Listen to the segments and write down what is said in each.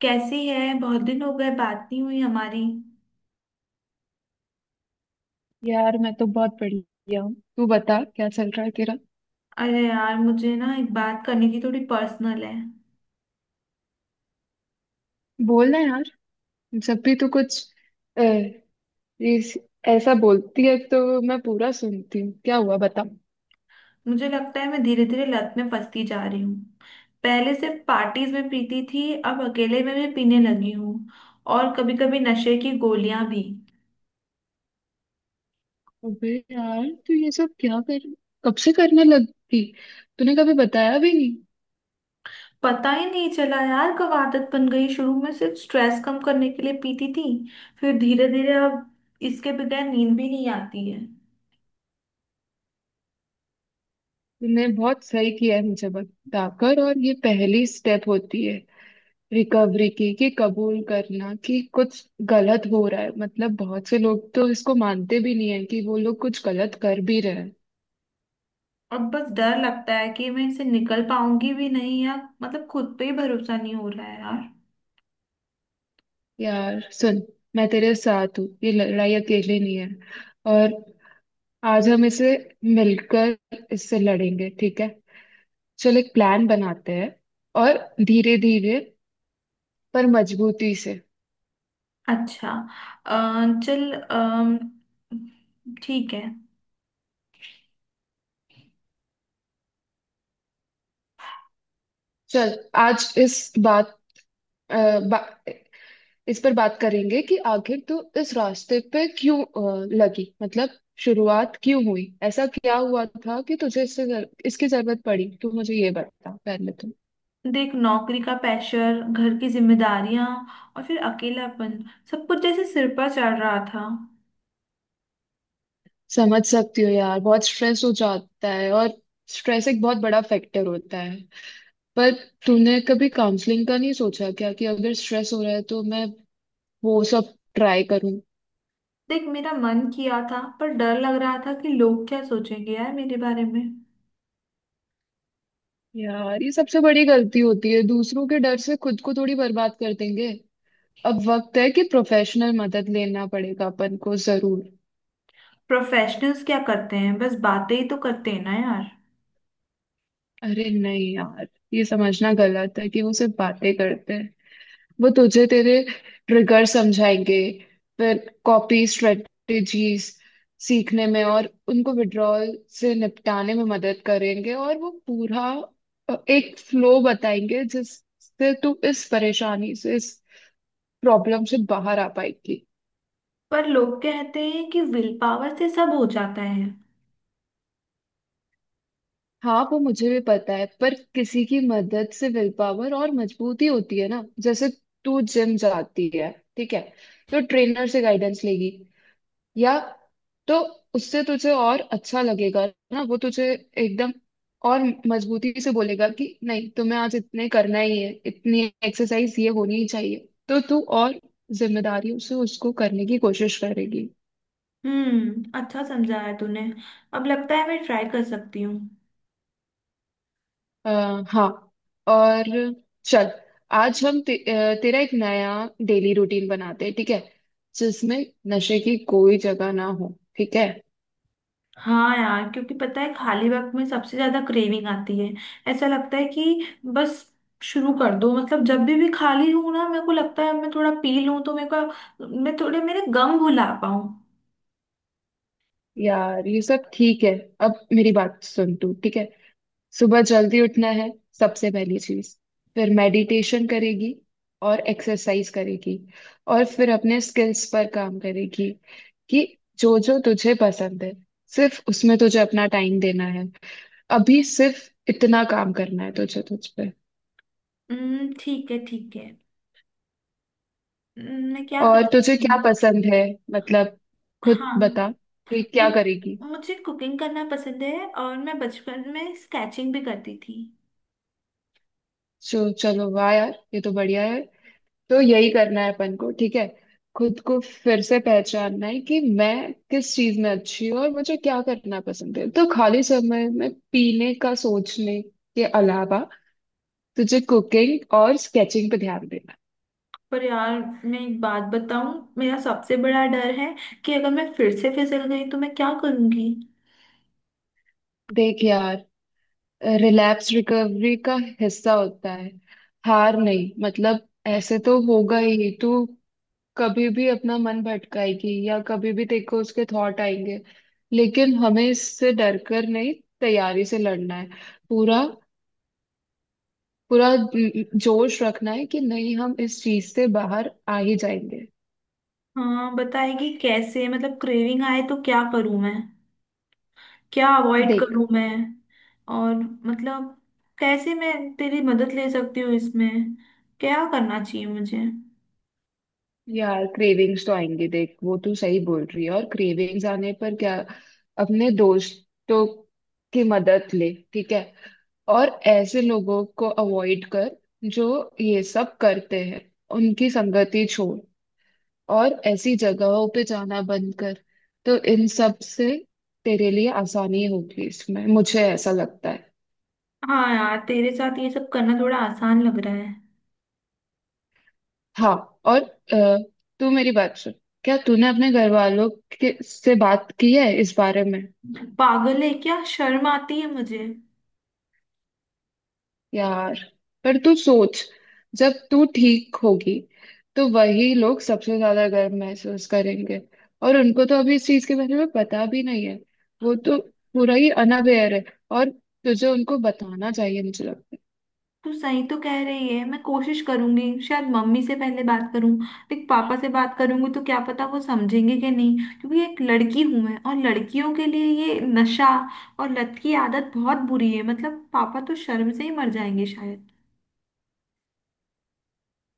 कैसी है? बहुत दिन हो गए, बात नहीं हुई हमारी। यार मैं तो बहुत बढ़िया हूँ। तू बता क्या चल रहा है तेरा। अरे यार, मुझे ना एक बात करनी थी, थोड़ी पर्सनल है। बोलना यार। जब भी तू कुछ अ, इस- ऐसा बोलती है तो मैं पूरा सुनती हूँ, क्या हुआ बता। मुझे लगता है मैं धीरे धीरे लत में फंसती जा रही हूँ। पहले सिर्फ पार्टीज में पीती थी, अब अकेले में भी पीने लगी हूँ। और कभी कभी नशे की गोलियां भी। अबे यार, तू ये सब क्या कर, कब से करने लगी, तूने कभी बताया भी नहीं। पता ही नहीं चला यार कब आदत बन गई। शुरू में सिर्फ स्ट्रेस कम करने के लिए पीती थी, फिर धीरे धीरे अब इसके बगैर नींद भी नहीं आती है। तूने बहुत सही किया है मुझे बताकर, और ये पहली स्टेप होती है रिकवरी की, कि कबूल करना कि कुछ गलत हो रहा है। मतलब बहुत से लोग तो इसको मानते भी नहीं है कि वो लोग कुछ गलत कर भी रहे हैं। और बस डर लगता है कि मैं इसे निकल पाऊंगी भी नहीं यार। मतलब खुद पे ही भरोसा नहीं हो रहा है यार। यार सुन, मैं तेरे साथ हूँ, ये लड़ाई अकेले नहीं है। और आज हम इसे मिलकर इससे लड़ेंगे, ठीक है। चल एक प्लान बनाते हैं, और धीरे धीरे पर मजबूती से। अच्छा। चल ठीक है। चल, आज इस बात अ, बा, इस पर बात करेंगे कि आखिर तू इस रास्ते पे क्यों लगी। मतलब शुरुआत क्यों हुई, ऐसा क्या हुआ था कि तुझे इससे इसकी जरूरत पड़ी। तू मुझे ये बता पहले तो। देख, नौकरी का प्रेशर, घर की जिम्मेदारियां, और फिर अकेलापन। सब कुछ जैसे सिर पर चढ़ रहा था। समझ सकती हो यार, बहुत स्ट्रेस हो जाता है, और स्ट्रेस एक बहुत बड़ा फैक्टर होता है। पर तूने कभी काउंसलिंग का नहीं सोचा क्या, कि अगर स्ट्रेस हो रहा है तो मैं वो सब ट्राई करूं। देख, मेरा मन किया था पर डर लग रहा था कि लोग क्या सोचेंगे यार मेरे बारे में। यार, ये सबसे बड़ी गलती होती है, दूसरों के डर से खुद को थोड़ी बर्बाद कर देंगे। अब वक्त है कि प्रोफेशनल मदद लेना पड़ेगा अपन को जरूर। प्रोफेशनल्स क्या करते हैं, बस बातें ही तो करते हैं ना यार। अरे नहीं यार, ये समझना गलत है कि वो सिर्फ बातें करते हैं। वो तुझे तेरे ट्रिगर समझाएंगे, फिर कॉपी स्ट्रेटेजीज सीखने में और उनको विड्रॉल से निपटाने में मदद करेंगे। और वो पूरा एक फ्लो बताएंगे जिससे तू इस परेशानी से, इस प्रॉब्लम से बाहर आ पाएगी। पर लोग कहते हैं कि विल पावर से सब हो जाता है। हाँ, वो मुझे भी पता है, पर किसी की मदद से विल पावर और मजबूती होती है ना। जैसे तू जिम जाती है, ठीक है, तो ट्रेनर से गाइडेंस लेगी, या तो उससे तुझे और अच्छा लगेगा ना। वो तुझे एकदम और मजबूती से बोलेगा कि नहीं, तुम्हें आज इतने करना ही है, इतनी एक्सरसाइज ये होनी ही चाहिए। तो तू और जिम्मेदारियों से उसको करने की कोशिश करेगी। हम्म, अच्छा समझाया है तूने। अब लगता है मैं ट्राई कर सकती हूँ। हाँ। और चल, आज हम तेरा एक नया डेली रूटीन बनाते हैं, ठीक है, जिसमें नशे की कोई जगह ना हो, ठीक है। हाँ यार, क्योंकि पता है खाली वक्त में सबसे ज्यादा क्रेविंग आती है। ऐसा लगता है कि बस शुरू कर दो। मतलब जब भी खाली हूँ ना, मेरे को लगता है मैं थोड़ा पी लूँ तो मेरे को, मैं थोड़े मेरे गम भुला पाऊँ। यार ये सब ठीक है। अब मेरी बात सुन तू, ठीक है। सुबह जल्दी उठना है, सबसे पहली चीज। फिर मेडिटेशन करेगी और एक्सरसाइज करेगी। और फिर अपने स्किल्स पर काम करेगी, कि जो जो तुझे पसंद है सिर्फ उसमें तुझे अपना टाइम देना है। अभी सिर्फ इतना काम करना है तुझे, तुझ पे। हम्म, ठीक है, ठीक है। मैं क्या कर और तुझे सकती क्या हूँ? पसंद है, मतलब खुद हाँ। बता कि क्या देख, करेगी। मुझे कुकिंग करना पसंद है, और मैं बचपन में स्केचिंग भी करती थी। सो चलो, वाह यार ये तो बढ़िया है। तो यही करना है अपन को, ठीक है। खुद को फिर से पहचानना है कि मैं किस चीज में अच्छी हूँ और मुझे क्या करना पसंद है। तो खाली समय में पीने का सोचने के अलावा तुझे कुकिंग और स्केचिंग पे ध्यान देना है। पर यार, मैं एक बात बताऊं, मेरा सबसे बड़ा डर है कि अगर मैं फिर से फिसल गई तो मैं क्या करूंगी। देख यार, रिलैप्स रिकवरी का हिस्सा होता है, हार नहीं। मतलब ऐसे तो होगा ही, तू कभी भी अपना मन भटकाएगी, या कभी भी देखो उसके थॉट आएंगे, लेकिन हमें इससे डर कर नहीं, तैयारी से लड़ना है। पूरा पूरा जोश रखना है कि नहीं, हम इस चीज से बाहर आ ही जाएंगे। हाँ, बताएगी कैसे? मतलब क्रेविंग आए तो क्या करूं मैं, क्या अवॉइड देख करूं मैं? और मतलब कैसे मैं तेरी मदद ले सकती हूँ इसमें, क्या करना चाहिए मुझे? यार, क्रेविंग्स तो आएंगे, देख, वो तू सही बोल रही है। और क्रेविंग्स आने पर क्या, अपने दोस्तों की मदद ले, ठीक है। और ऐसे लोगों को अवॉइड कर जो ये सब करते हैं, उनकी संगति छोड़, और ऐसी जगहों पे जाना बंद कर। तो इन सब से तेरे लिए आसानी होगी इसमें, मुझे ऐसा लगता है। हाँ यार, तेरे साथ ये सब करना थोड़ा आसान लग रहा है। हाँ। और अ, तू मेरी बात सुन, क्या तूने अपने घर वालों के से बात की है इस बारे में। पागल है क्या, शर्म आती है मुझे। यार, पर तू सोच, जब तू ठीक होगी तो वही लोग सबसे ज्यादा गर्व महसूस करेंगे। और उनको तो अभी इस चीज के बारे में पता भी नहीं है, वो तो पूरा ही अनअवेयर है। और तुझे उनको बताना चाहिए, मुझे लगता तू सही तो कह रही है, मैं कोशिश करूंगी। शायद मम्मी से पहले बात करूं। देख, पापा से बात करूंगी तो क्या पता वो समझेंगे कि नहीं, क्योंकि एक लड़की हूं मैं, और लड़कियों के लिए ये नशा और लत की आदत बहुत बुरी है। मतलब पापा तो शर्म से ही मर जाएंगे शायद।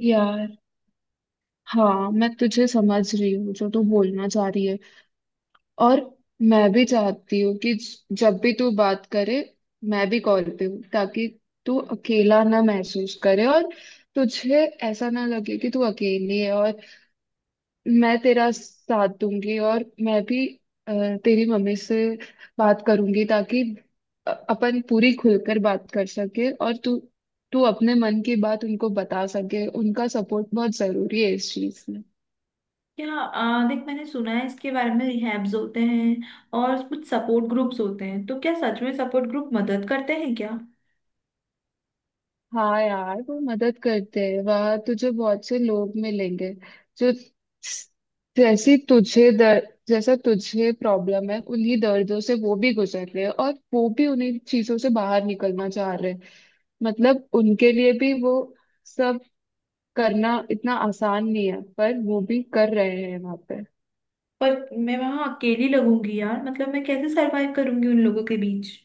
है यार। हाँ, मैं तुझे समझ रही हूँ, जो तू बोलना चाह रही है। और मैं भी चाहती हूँ कि जब भी तू बात करे, मैं भी कॉल पे हूँ, ताकि तू अकेला ना महसूस करे, और तुझे ऐसा ना लगे कि तू अकेली है। और मैं तेरा साथ दूंगी, और मैं भी अ, तेरी मम्मी से बात करूंगी, ताकि अपन पूरी खुलकर बात कर सके, और तू तू अपने मन की बात उनको बता सके। उनका सपोर्ट बहुत जरूरी है इस चीज में। क्या देख, मैंने सुना है इसके बारे में रिहैब्स होते हैं और कुछ सपोर्ट ग्रुप्स होते हैं। तो क्या सच में सपोर्ट ग्रुप मदद करते हैं क्या? हाँ यार, वो मदद करते हैं, वहां तुझे बहुत से लोग मिलेंगे जो, जैसी तुझे दर्द, जैसा तुझे प्रॉब्लम है, उन्हीं दर्दों से वो भी गुजर रहे हैं, और वो भी उन्हीं चीजों से बाहर निकलना चाह रहे हैं। मतलब उनके लिए भी वो सब करना इतना आसान नहीं है, पर वो भी कर रहे हैं वहां पे। पर मैं वहां अकेली लगूंगी यार। मतलब मैं कैसे सरवाइव करूंगी उन लोगों के बीच?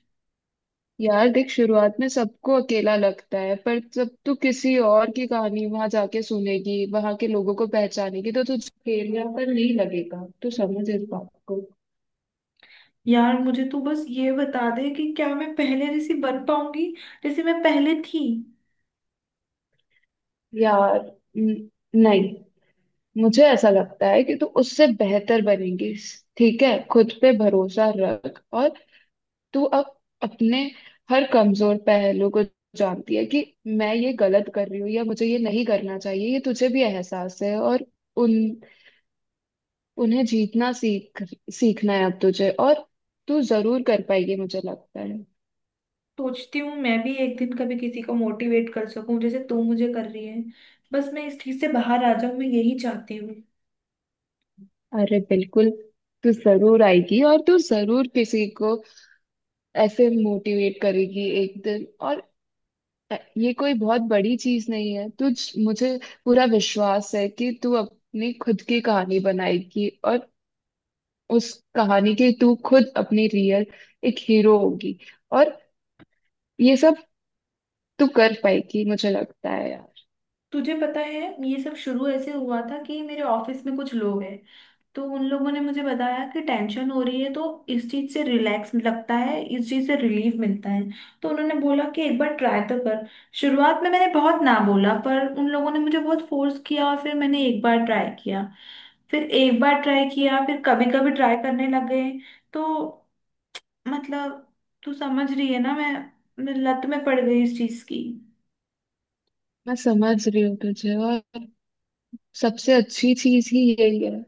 यार देख, शुरुआत में सबको अकेला लगता है, पर जब तू किसी और की कहानी वहां जाके सुनेगी, वहां के लोगों को पहचानेगी, तो तुझे अकेलापन नहीं लगेगा। तू समझ इस बात को। यार मुझे तो बस ये बता दे कि क्या मैं पहले जैसी बन पाऊंगी, जैसे मैं पहले थी। यार, न- नहीं, मुझे ऐसा लगता है कि तू उससे बेहतर बनेगी। ठीक है, खुद पे भरोसा रख। और तू अब अपने हर कमजोर पहलू को जानती है, कि मैं ये गलत कर रही हूँ या मुझे ये नहीं करना चाहिए, ये तुझे भी एहसास है। और उन उन्हें जीतना सीखना है अब तुझे। और तू जरूर कर पाएगी, मुझे लगता है। सोचती हूँ मैं भी एक दिन कभी किसी को मोटिवेट कर सकूं, जैसे तू मुझे कर रही है। बस मैं इस चीज से बाहर आ जाऊं, मैं यही चाहती हूँ। अरे बिल्कुल, तू जरूर आएगी, और तू जरूर किसी को ऐसे मोटिवेट करेगी एक दिन। और ये कोई बहुत बड़ी चीज नहीं है तुझ मुझे पूरा विश्वास है कि तू अपनी खुद की कहानी बनाएगी, और उस कहानी की तू खुद, अपनी रियल एक हीरो होगी। और ये सब तू कर पाएगी, मुझे लगता है यार। तुझे पता है, ये सब शुरू ऐसे हुआ था कि मेरे ऑफिस में कुछ लोग हैं, तो उन लोगों ने मुझे बताया कि टेंशन हो रही है तो इस चीज से रिलैक्स लगता है, इस चीज से रिलीफ मिलता है। तो उन्होंने बोला कि एक बार ट्राई तो कर। शुरुआत में मैंने बहुत ना बोला, पर उन लोगों ने मुझे बहुत फोर्स किया और फिर मैंने एक बार ट्राई किया, फिर एक बार ट्राई किया, फिर कभी कभी ट्राई करने लग गए। तो, मतलब, तू समझ रही है ना, मैं लत में पड़ गई इस चीज की। मैं समझ रही हूँ तुझे। और सबसे अच्छी चीज ही यही है,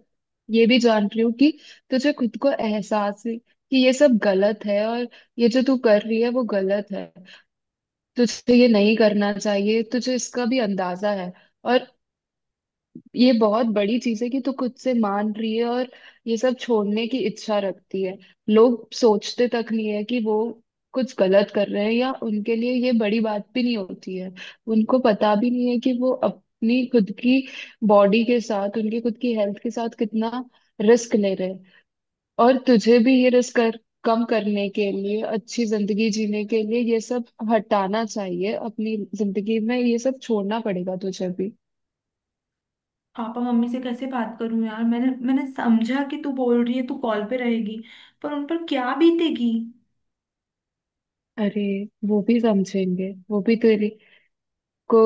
ये भी जान रही हूँ कि तुझे खुद को एहसास है कि ये सब गलत है, और ये जो तू कर रही है वो गलत है, तुझे ये नहीं करना चाहिए, तुझे इसका भी अंदाजा है। और ये बहुत बड़ी चीज है कि तू खुद से मान रही है, और ये सब छोड़ने की इच्छा रखती है। लोग सोचते तक नहीं है कि वो कुछ गलत कर रहे हैं, या उनके लिए ये बड़ी बात भी नहीं होती है। उनको पता भी नहीं है कि वो अपनी खुद की बॉडी के साथ, उनकी खुद की हेल्थ के साथ कितना रिस्क ले रहे हैं। और तुझे भी ये रिस्क कर कम करने के लिए, अच्छी जिंदगी जीने के लिए ये सब हटाना चाहिए। अपनी जिंदगी में ये सब छोड़ना पड़ेगा तुझे भी। पापा मम्मी से कैसे बात करूं यार? मैंने मैंने समझा कि तू बोल रही है तू कॉल पे रहेगी, पर उन पर क्या बीतेगी? अरे, वो भी समझेंगे, वो भी तेरी को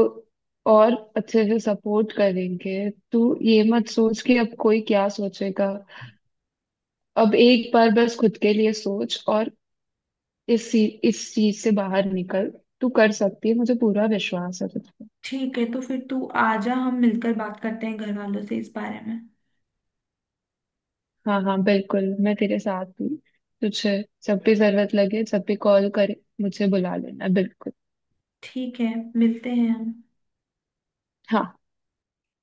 और अच्छे से सपोर्ट करेंगे। तू ये मत सोच कि अब कोई क्या सोचेगा। अब एक बार बस खुद के लिए सोच, और इस इस चीज से बाहर निकल। तू कर सकती है, मुझे पूरा विश्वास है तुझ पे। ठीक है, तो फिर तू आजा, हम मिलकर बात करते हैं घर वालों से इस बारे में। हाँ हाँ बिल्कुल, मैं तेरे साथ हूँ। तुझे जब भी जरूरत लगे, जब भी कॉल करे, मुझे बुला लेना बिल्कुल। ठीक है, मिलते हैं हम। हाँ।